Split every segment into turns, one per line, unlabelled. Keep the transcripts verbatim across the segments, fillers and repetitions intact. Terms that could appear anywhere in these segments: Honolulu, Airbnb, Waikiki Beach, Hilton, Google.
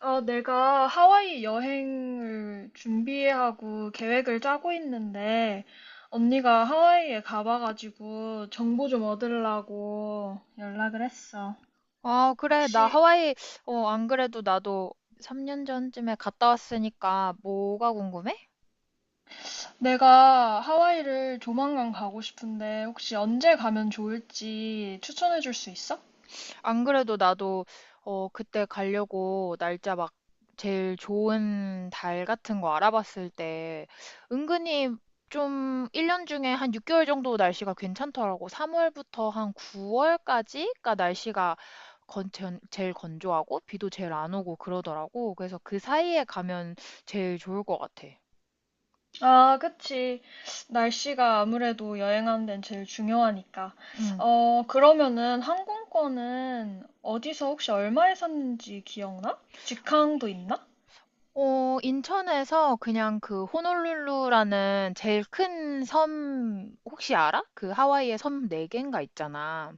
어, 내가 하와이 여행을 준비하고 계획을 짜고 있는데, 언니가 하와이에 가봐가지고 정보 좀 얻으려고 연락을 했어.
아, 그래. 나
혹시
하와이, 어, 안 그래도 나도 삼 년 전쯤에 갔다 왔으니까 뭐가 궁금해?
내가 하와이를 조만간 가고 싶은데, 혹시 언제 가면 좋을지 추천해 줄 수 있어?
안 그래도 나도, 어, 그때 가려고 날짜 막 제일 좋은 달 같은 거 알아봤을 때 은근히 좀 일 년 중에 한 육 개월 정도 날씨가 괜찮더라고. 삼월부터 한 구월까지가 날씨가 건, 전- 제일 건조하고 비도 제일 안 오고 그러더라고. 그래서 그 사이에 가면 제일 좋을 것 같아.
아, 그치. 날씨가 아무래도 여행하는 데는 제일 중요하니까.
응.
어, 그러면은 항공권은 어디서 혹시 얼마에 샀는지 기억나? 직항도 있나?
어, 인천에서 그냥 그 호놀룰루라는 제일 큰 섬 혹시 알아? 그 하와이의 섬 네개인가 있잖아.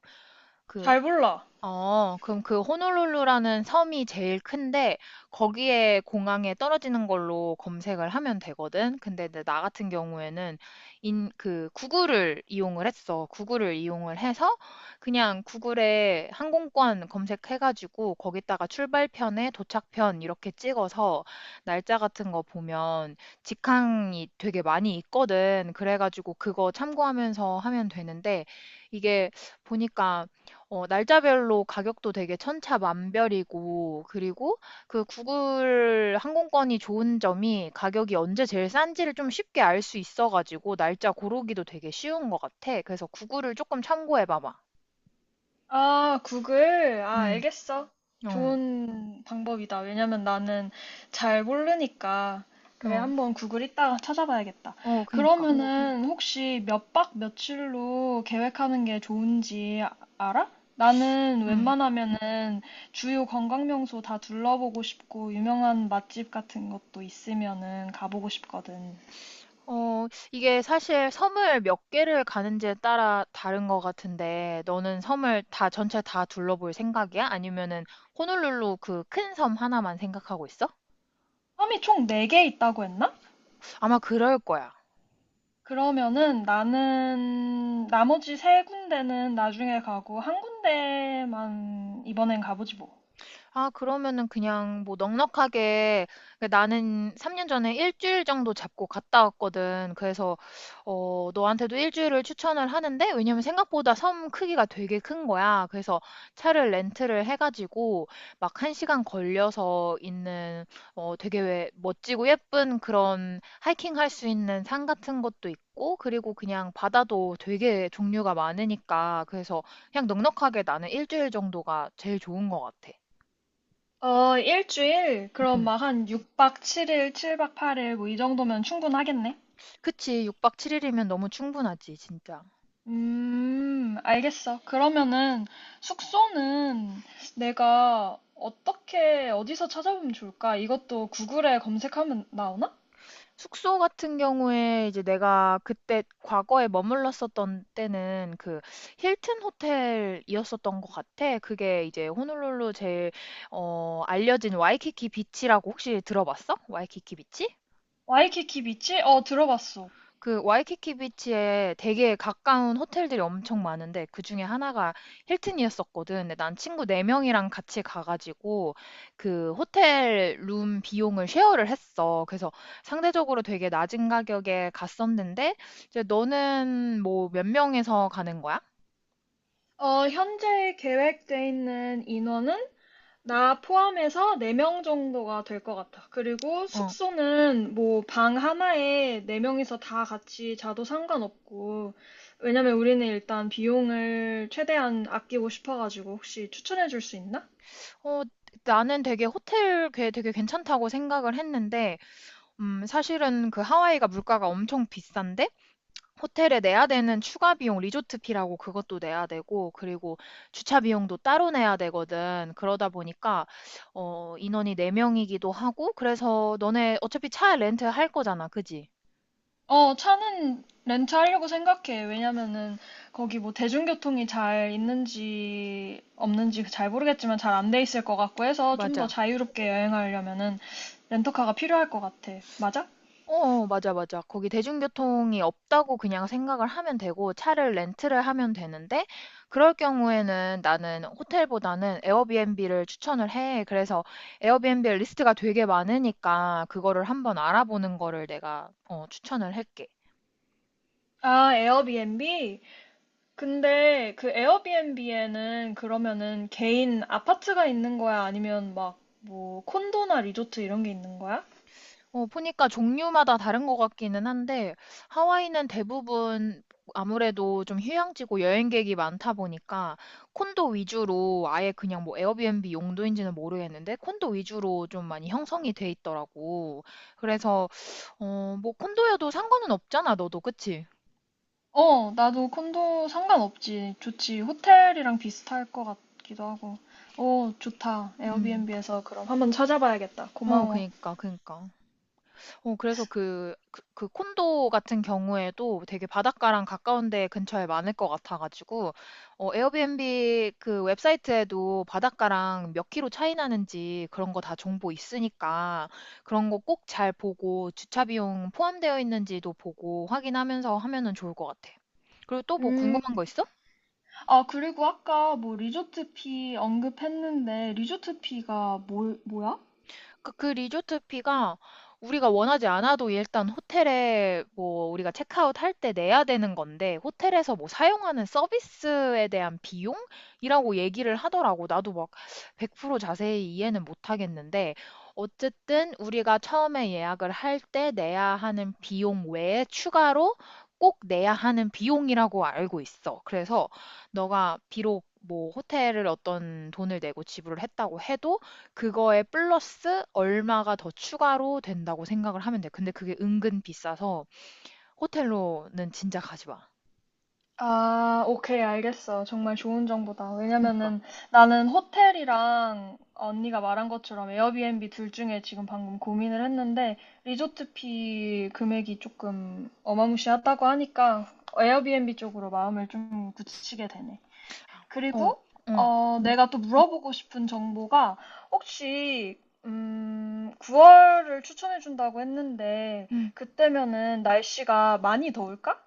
그
잘 몰라.
어, 그럼 그 호놀룰루라는 섬이 제일 큰데 거기에 공항에 떨어지는 걸로 검색을 하면 되거든. 근데 이제 나 같은 경우에는 인, 그 구글을 이용을 했어. 구글을 이용을 해서 그냥 구글에 항공권 검색해가지고 거기다가 출발편에 도착편 이렇게 찍어서 날짜 같은 거 보면 직항이 되게 많이 있거든. 그래가지고 그거 참고하면서 하면 되는데 이게 보니까 어, 날짜별로 가격도 되게 천차만별이고, 그리고 그 구글 항공권이 좋은 점이 가격이 언제 제일 싼지를 좀 쉽게 알 수 있어가지고, 날짜 고르기도 되게 쉬운 것 같아. 그래서 구글을 조금 참고해봐봐.
아, 구글? 아,
응,
알겠어.
어,
좋은 방법이다. 왜냐면 나는 잘 모르니까. 그래,
어,
한번 구글 이따가 찾아봐야겠다. 응,
어,
응.
그니까.
그러면은 혹시 몇박 며칠로 계획하는 게 좋은지 아- 알아? 나는
응.
웬만하면은 주요 관광 명소 다 둘러보고 싶고 유명한 맛집 같은 것도 있으면은 가보고 싶거든.
어, 이게 사실 섬을 몇 개를 가는지에 따라 다른 것 같은데, 너는 섬을 다, 전체 다 둘러볼 생각이야? 아니면은 호놀룰루 그 큰 섬 하나만 생각하고 있어?
섬이 총 네 개 있다고 했나?
아마 그럴 거야.
그러면은 나는 나머지 세 군데는 나중에 가고 한 군데만 이번엔 가보지 뭐.
아, 그러면은 그냥 뭐 넉넉하게 그러니까 나는 삼 년 전에 일주일 정도 잡고 갔다 왔거든. 그래서 어, 너한테도 일주일을 추천을 하는데 왜냐면 생각보다 섬 크기가 되게 큰 거야. 그래서 차를 렌트를 해가지고 막 한 시간 걸려서 있는 어, 되게 왜 멋지고 예쁜 그런 하이킹 할 수 있는 산 같은 것도 있고 그리고 그냥 바다도 되게 종류가 많으니까 그래서 그냥 넉넉하게 나는 일주일 정도가 제일 좋은 것 같아.
어, 일주일? 그럼
음.
막 한 육 박 칠 일, 칠 박 팔 일 뭐 이 정도면 충분하겠네?
그치. 육 박 칠 일이면 너무 충분하지, 진짜.
음, 알겠어. 그러면은 숙소는 내가 어떻게 어디서 찾아보면 좋을까? 이것도 구글에 검색하면 나오나?
숙소 같은 경우에 이제 내가 그때 과거에 머물렀었던 때는 그 힐튼 호텔이었었던 것 같아. 그게 이제 호놀룰루 제일 어, 알려진 와이키키 비치라고 혹시 들어봤어? 와이키키 비치?
와이키키 비치? 어, 들어봤어.
그 와이키키 비치에 되게 가까운 호텔들이 엄청 많은데 그 중에 하나가 힐튼이었었거든. 근데 난 친구 네명이랑 같이 가가지고 그 호텔 룸 비용을 쉐어를 했어. 그래서 상대적으로 되게 낮은 가격에 갔었는데 이제 너는 뭐 몇 명에서 가는 거야?
어, 현재 계획돼 있는 인원은 나 포함해서 네 명 정도가 될 것 같아. 그리고
어.
숙소는 뭐 방 하나에 네 명이서 다 같이 자도 상관없고, 왜냐면 우리는 일단 비용을 최대한 아끼고 싶어가지고 혹시 추천해 줄 수 있나?
어, 나는 되게 호텔 꽤 되게 괜찮다고 생각을 했는데 음, 사실은 그 하와이가 물가가 엄청 비싼데 호텔에 내야 되는 추가 비용, 리조트 피라고 그것도 내야 되고, 그리고 주차 비용도 따로 내야 되거든. 그러다 보니까, 어, 인원이 네 명이기도 하고, 그래서 너네 어차피 차 렌트 할 거잖아. 그지?
어, 차는 렌트하려고 생각해. 왜냐면은 거기 뭐 대중교통이 잘 있는지 없는지 잘 모르겠지만 잘 안 돼 있을 것 같고 해서 좀 더
맞아.
자유롭게 여행하려면은 렌터카가 필요할 것 같아. 맞아?
어 맞아, 맞아. 거기 대중교통이 없다고 그냥 생각을 하면 되고 차를 렌트를 하면 되는데 그럴 경우에는 나는 호텔보다는 에어비앤비를 추천을 해. 그래서 에어비앤비 리스트가 되게 많으니까 그거를 한번 알아보는 거를 내가 어, 추천을 할게.
아, 에어비앤비? 근데 그 에어비앤비에는 그러면은 개인 아파트가 있는 거야? 아니면 막 뭐 콘도나 리조트 이런 게 있는 거야?
어, 보니까 종류마다 다른 것 같기는 한데, 하와이는 대부분 아무래도 좀 휴양지고 여행객이 많다 보니까, 콘도 위주로 아예 그냥 뭐 에어비앤비 용도인지는 모르겠는데, 콘도 위주로 좀 많이 형성이 돼 있더라고. 그래서, 어, 뭐 콘도여도 상관은 없잖아, 너도, 그치?
어, 나도 콘도 상관없지. 좋지. 호텔이랑 비슷할 것 같기도 하고. 오, 좋다.
음,
에어비앤비에서 그럼 한번 찾아봐야겠다.
어,
고마워.
그니까, 그니까. 어, 그래서 그, 그, 그 콘도 같은 경우에도 되게 바닷가랑 가까운 데 근처에 많을 것 같아가지고, 어, 에어비앤비 그 웹사이트에도 바닷가랑 몇 킬로 차이 나는지 그런 거 다 정보 있으니까 그런 거 꼭 잘 보고 주차 비용 포함되어 있는지도 보고 확인하면서 하면은 좋을 것 같아. 그리고 또 뭐
음,
궁금한 거 있어?
아, 그리고 아까 뭐 리조트 피 언급했는데 리조트 피가 뭐, 뭐야?
그, 그 리조트비가 우리가 원하지 않아도 일단 호텔에 뭐 우리가 체크아웃 할 때 내야 되는 건데 호텔에서 뭐 사용하는 서비스에 대한 비용이라고 얘기를 하더라고. 나도 막 백 프로 자세히 이해는 못 하겠는데 어쨌든 우리가 처음에 예약을 할 때 내야 하는 비용 외에 추가로 꼭 내야 하는 비용이라고 알고 있어. 그래서 너가 비록 뭐 호텔을 어떤 돈을 내고 지불을 했다고 해도 그거에 플러스 얼마가 더 추가로 된다고 생각을 하면 돼. 근데 그게 은근 비싸서 호텔로는 진짜 가지 마.
아, 오케이, 알겠어. 정말 좋은 정보다.
그니까.
왜냐면은 나는 호텔이랑 언니가 말한 것처럼 에어비앤비 둘 중에 지금 방금 고민을 했는데 리조트비 금액이 조금 어마무시하다고 하니까 에어비앤비 쪽으로 마음을 좀 굳히게 되네.
러 어,
그리고
응,
어, 내가 또 물어보고 싶은 정보가 혹시 음, 구월을 추천해 준다고 했는데
응.
그때면은 날씨가 많이 더울까?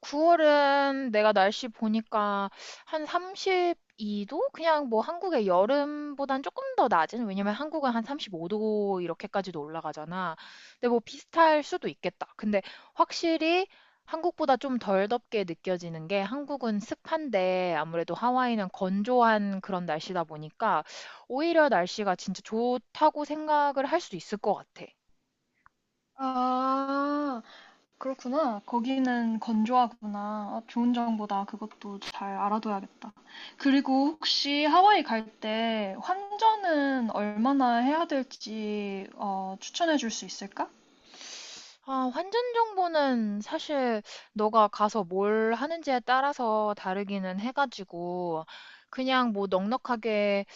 구월은 내가 날씨 보니까 한 삼십이 도? 그냥 뭐 한국의 여름보단 조금 더 낮은? 왜냐면 한국은 한 삼십오 도 이렇게까지도 올라가잖아. 근데 뭐 비슷할 수도 있겠다. 근데 확실히 한국보다 좀 덜 덥게 느껴지는 게 한국은 습한데 아무래도 하와이는 건조한 그런 날씨다 보니까 오히려 날씨가 진짜 좋다고 생각을 할 수 있을 것 같아.
아, 그렇구나. 거기는 건조하구나. 아, 좋은 정보다. 그것도 잘 알아둬야겠다. 그리고 혹시 하와이 갈 때 환전은 얼마나 해야 될지 어, 추천해 줄 수 있을까?
아, 환전 정보는 사실 너가 가서 뭘 하는지에 따라서 다르기는 해가지고, 그냥 뭐 넉넉하게,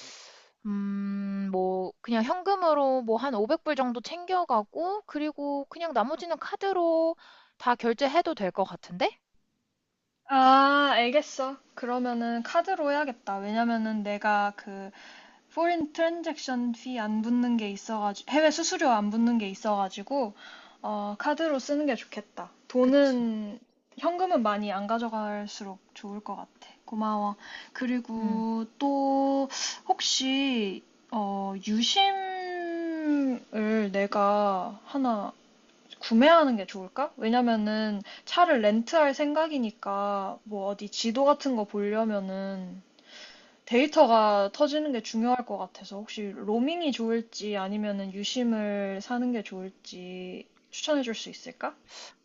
음, 뭐, 그냥 현금으로 뭐 한 오백 불 정도 챙겨가고, 그리고 그냥 나머지는 카드로 다 결제해도 될 것 같은데?
아, 알겠어. 그러면은 카드로 해야겠다. 왜냐면은 내가 그 포린 트랜잭션 피 안 붙는 게 있어가지고 해외 수수료 안 붙는 게 있어가지고 어, 카드로 쓰는 게 좋겠다.
그치.
돈은 현금은 많이 안 가져갈수록 좋을 것 같아. 고마워.
음.
그리고 또 혹시 어, 유심을 내가 하나 구매하는 게 좋을까? 왜냐면은 차를 렌트할 생각이니까 뭐 어디 지도 같은 거 보려면은 데이터가 터지는 게 중요할 것 같아서 혹시 로밍이 좋을지 아니면은 유심을 사는 게 좋을지 추천해 줄 수 있을까?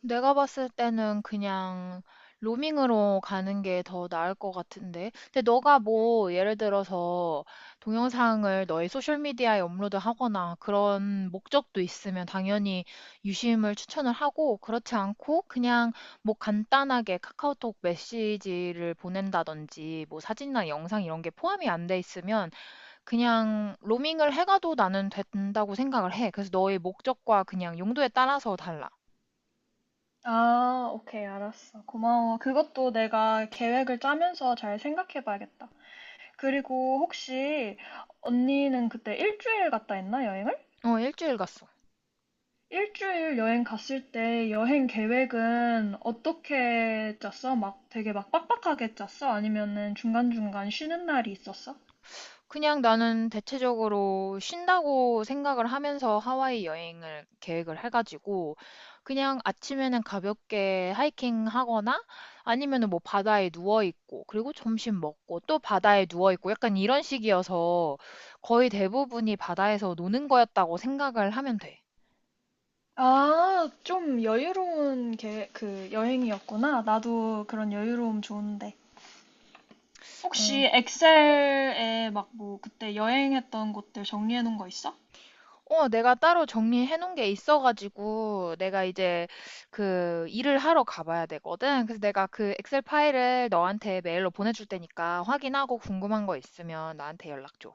내가 봤을 때는 그냥 로밍으로 가는 게 더 나을 것 같은데. 근데 너가 뭐 예를 들어서 동영상을 너의 소셜미디어에 업로드하거나 그런 목적도 있으면 당연히 유심을 추천을 하고 그렇지 않고 그냥 뭐 간단하게 카카오톡 메시지를 보낸다든지 뭐 사진이나 영상 이런 게 포함이 안 돼 있으면 그냥 로밍을 해가도 나는 된다고 생각을 해. 그래서 너의 목적과 그냥 용도에 따라서 달라.
아, 오케이, 알았어. 고마워. 그것도 내가 계획을 짜면서 잘 생각해 봐야겠다. 그리고 혹시 언니는 그때 일주일 갔다 했나, 여행을?
어, 일주일 갔어.
일주일 여행 갔을 때 여행 계획은 어떻게 짰어? 막 되게 막 빡빡하게 짰어? 아니면은 중간중간 쉬는 날이 있었어?
그냥 나는 대체적으로 쉰다고 생각을 하면서 하와이 여행을 계획을 해가지고 그냥 아침에는 가볍게 하이킹 하거나 아니면은 뭐 바다에 누워 있고 그리고 점심 먹고 또 바다에 누워 있고 약간 이런 식이어서 거의 대부분이 바다에서 노는 거였다고 생각을 하면 돼.
아, 좀 여유로운 게, 그 여행이었구나. 나도 그런 여유로움 좋은데. 혹시 엑셀에 막 뭐 그때 여행했던 곳들 정리해 놓은 거 있어?
어, 내가 따로 정리해 놓은 게 있어가지고, 내가 이제 그 일을 하러 가봐야 되거든. 그래서 내가 그 엑셀 파일을 너한테 메일로 보내줄 테니까 확인하고 궁금한 거 있으면 나한테 연락 줘.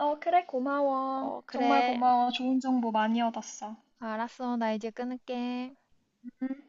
어, 그래, 고마워.
어,
정말
그래.
고마워. 좋은 정보 많이 얻었어.
알았어. 나 이제 끊을게.
음,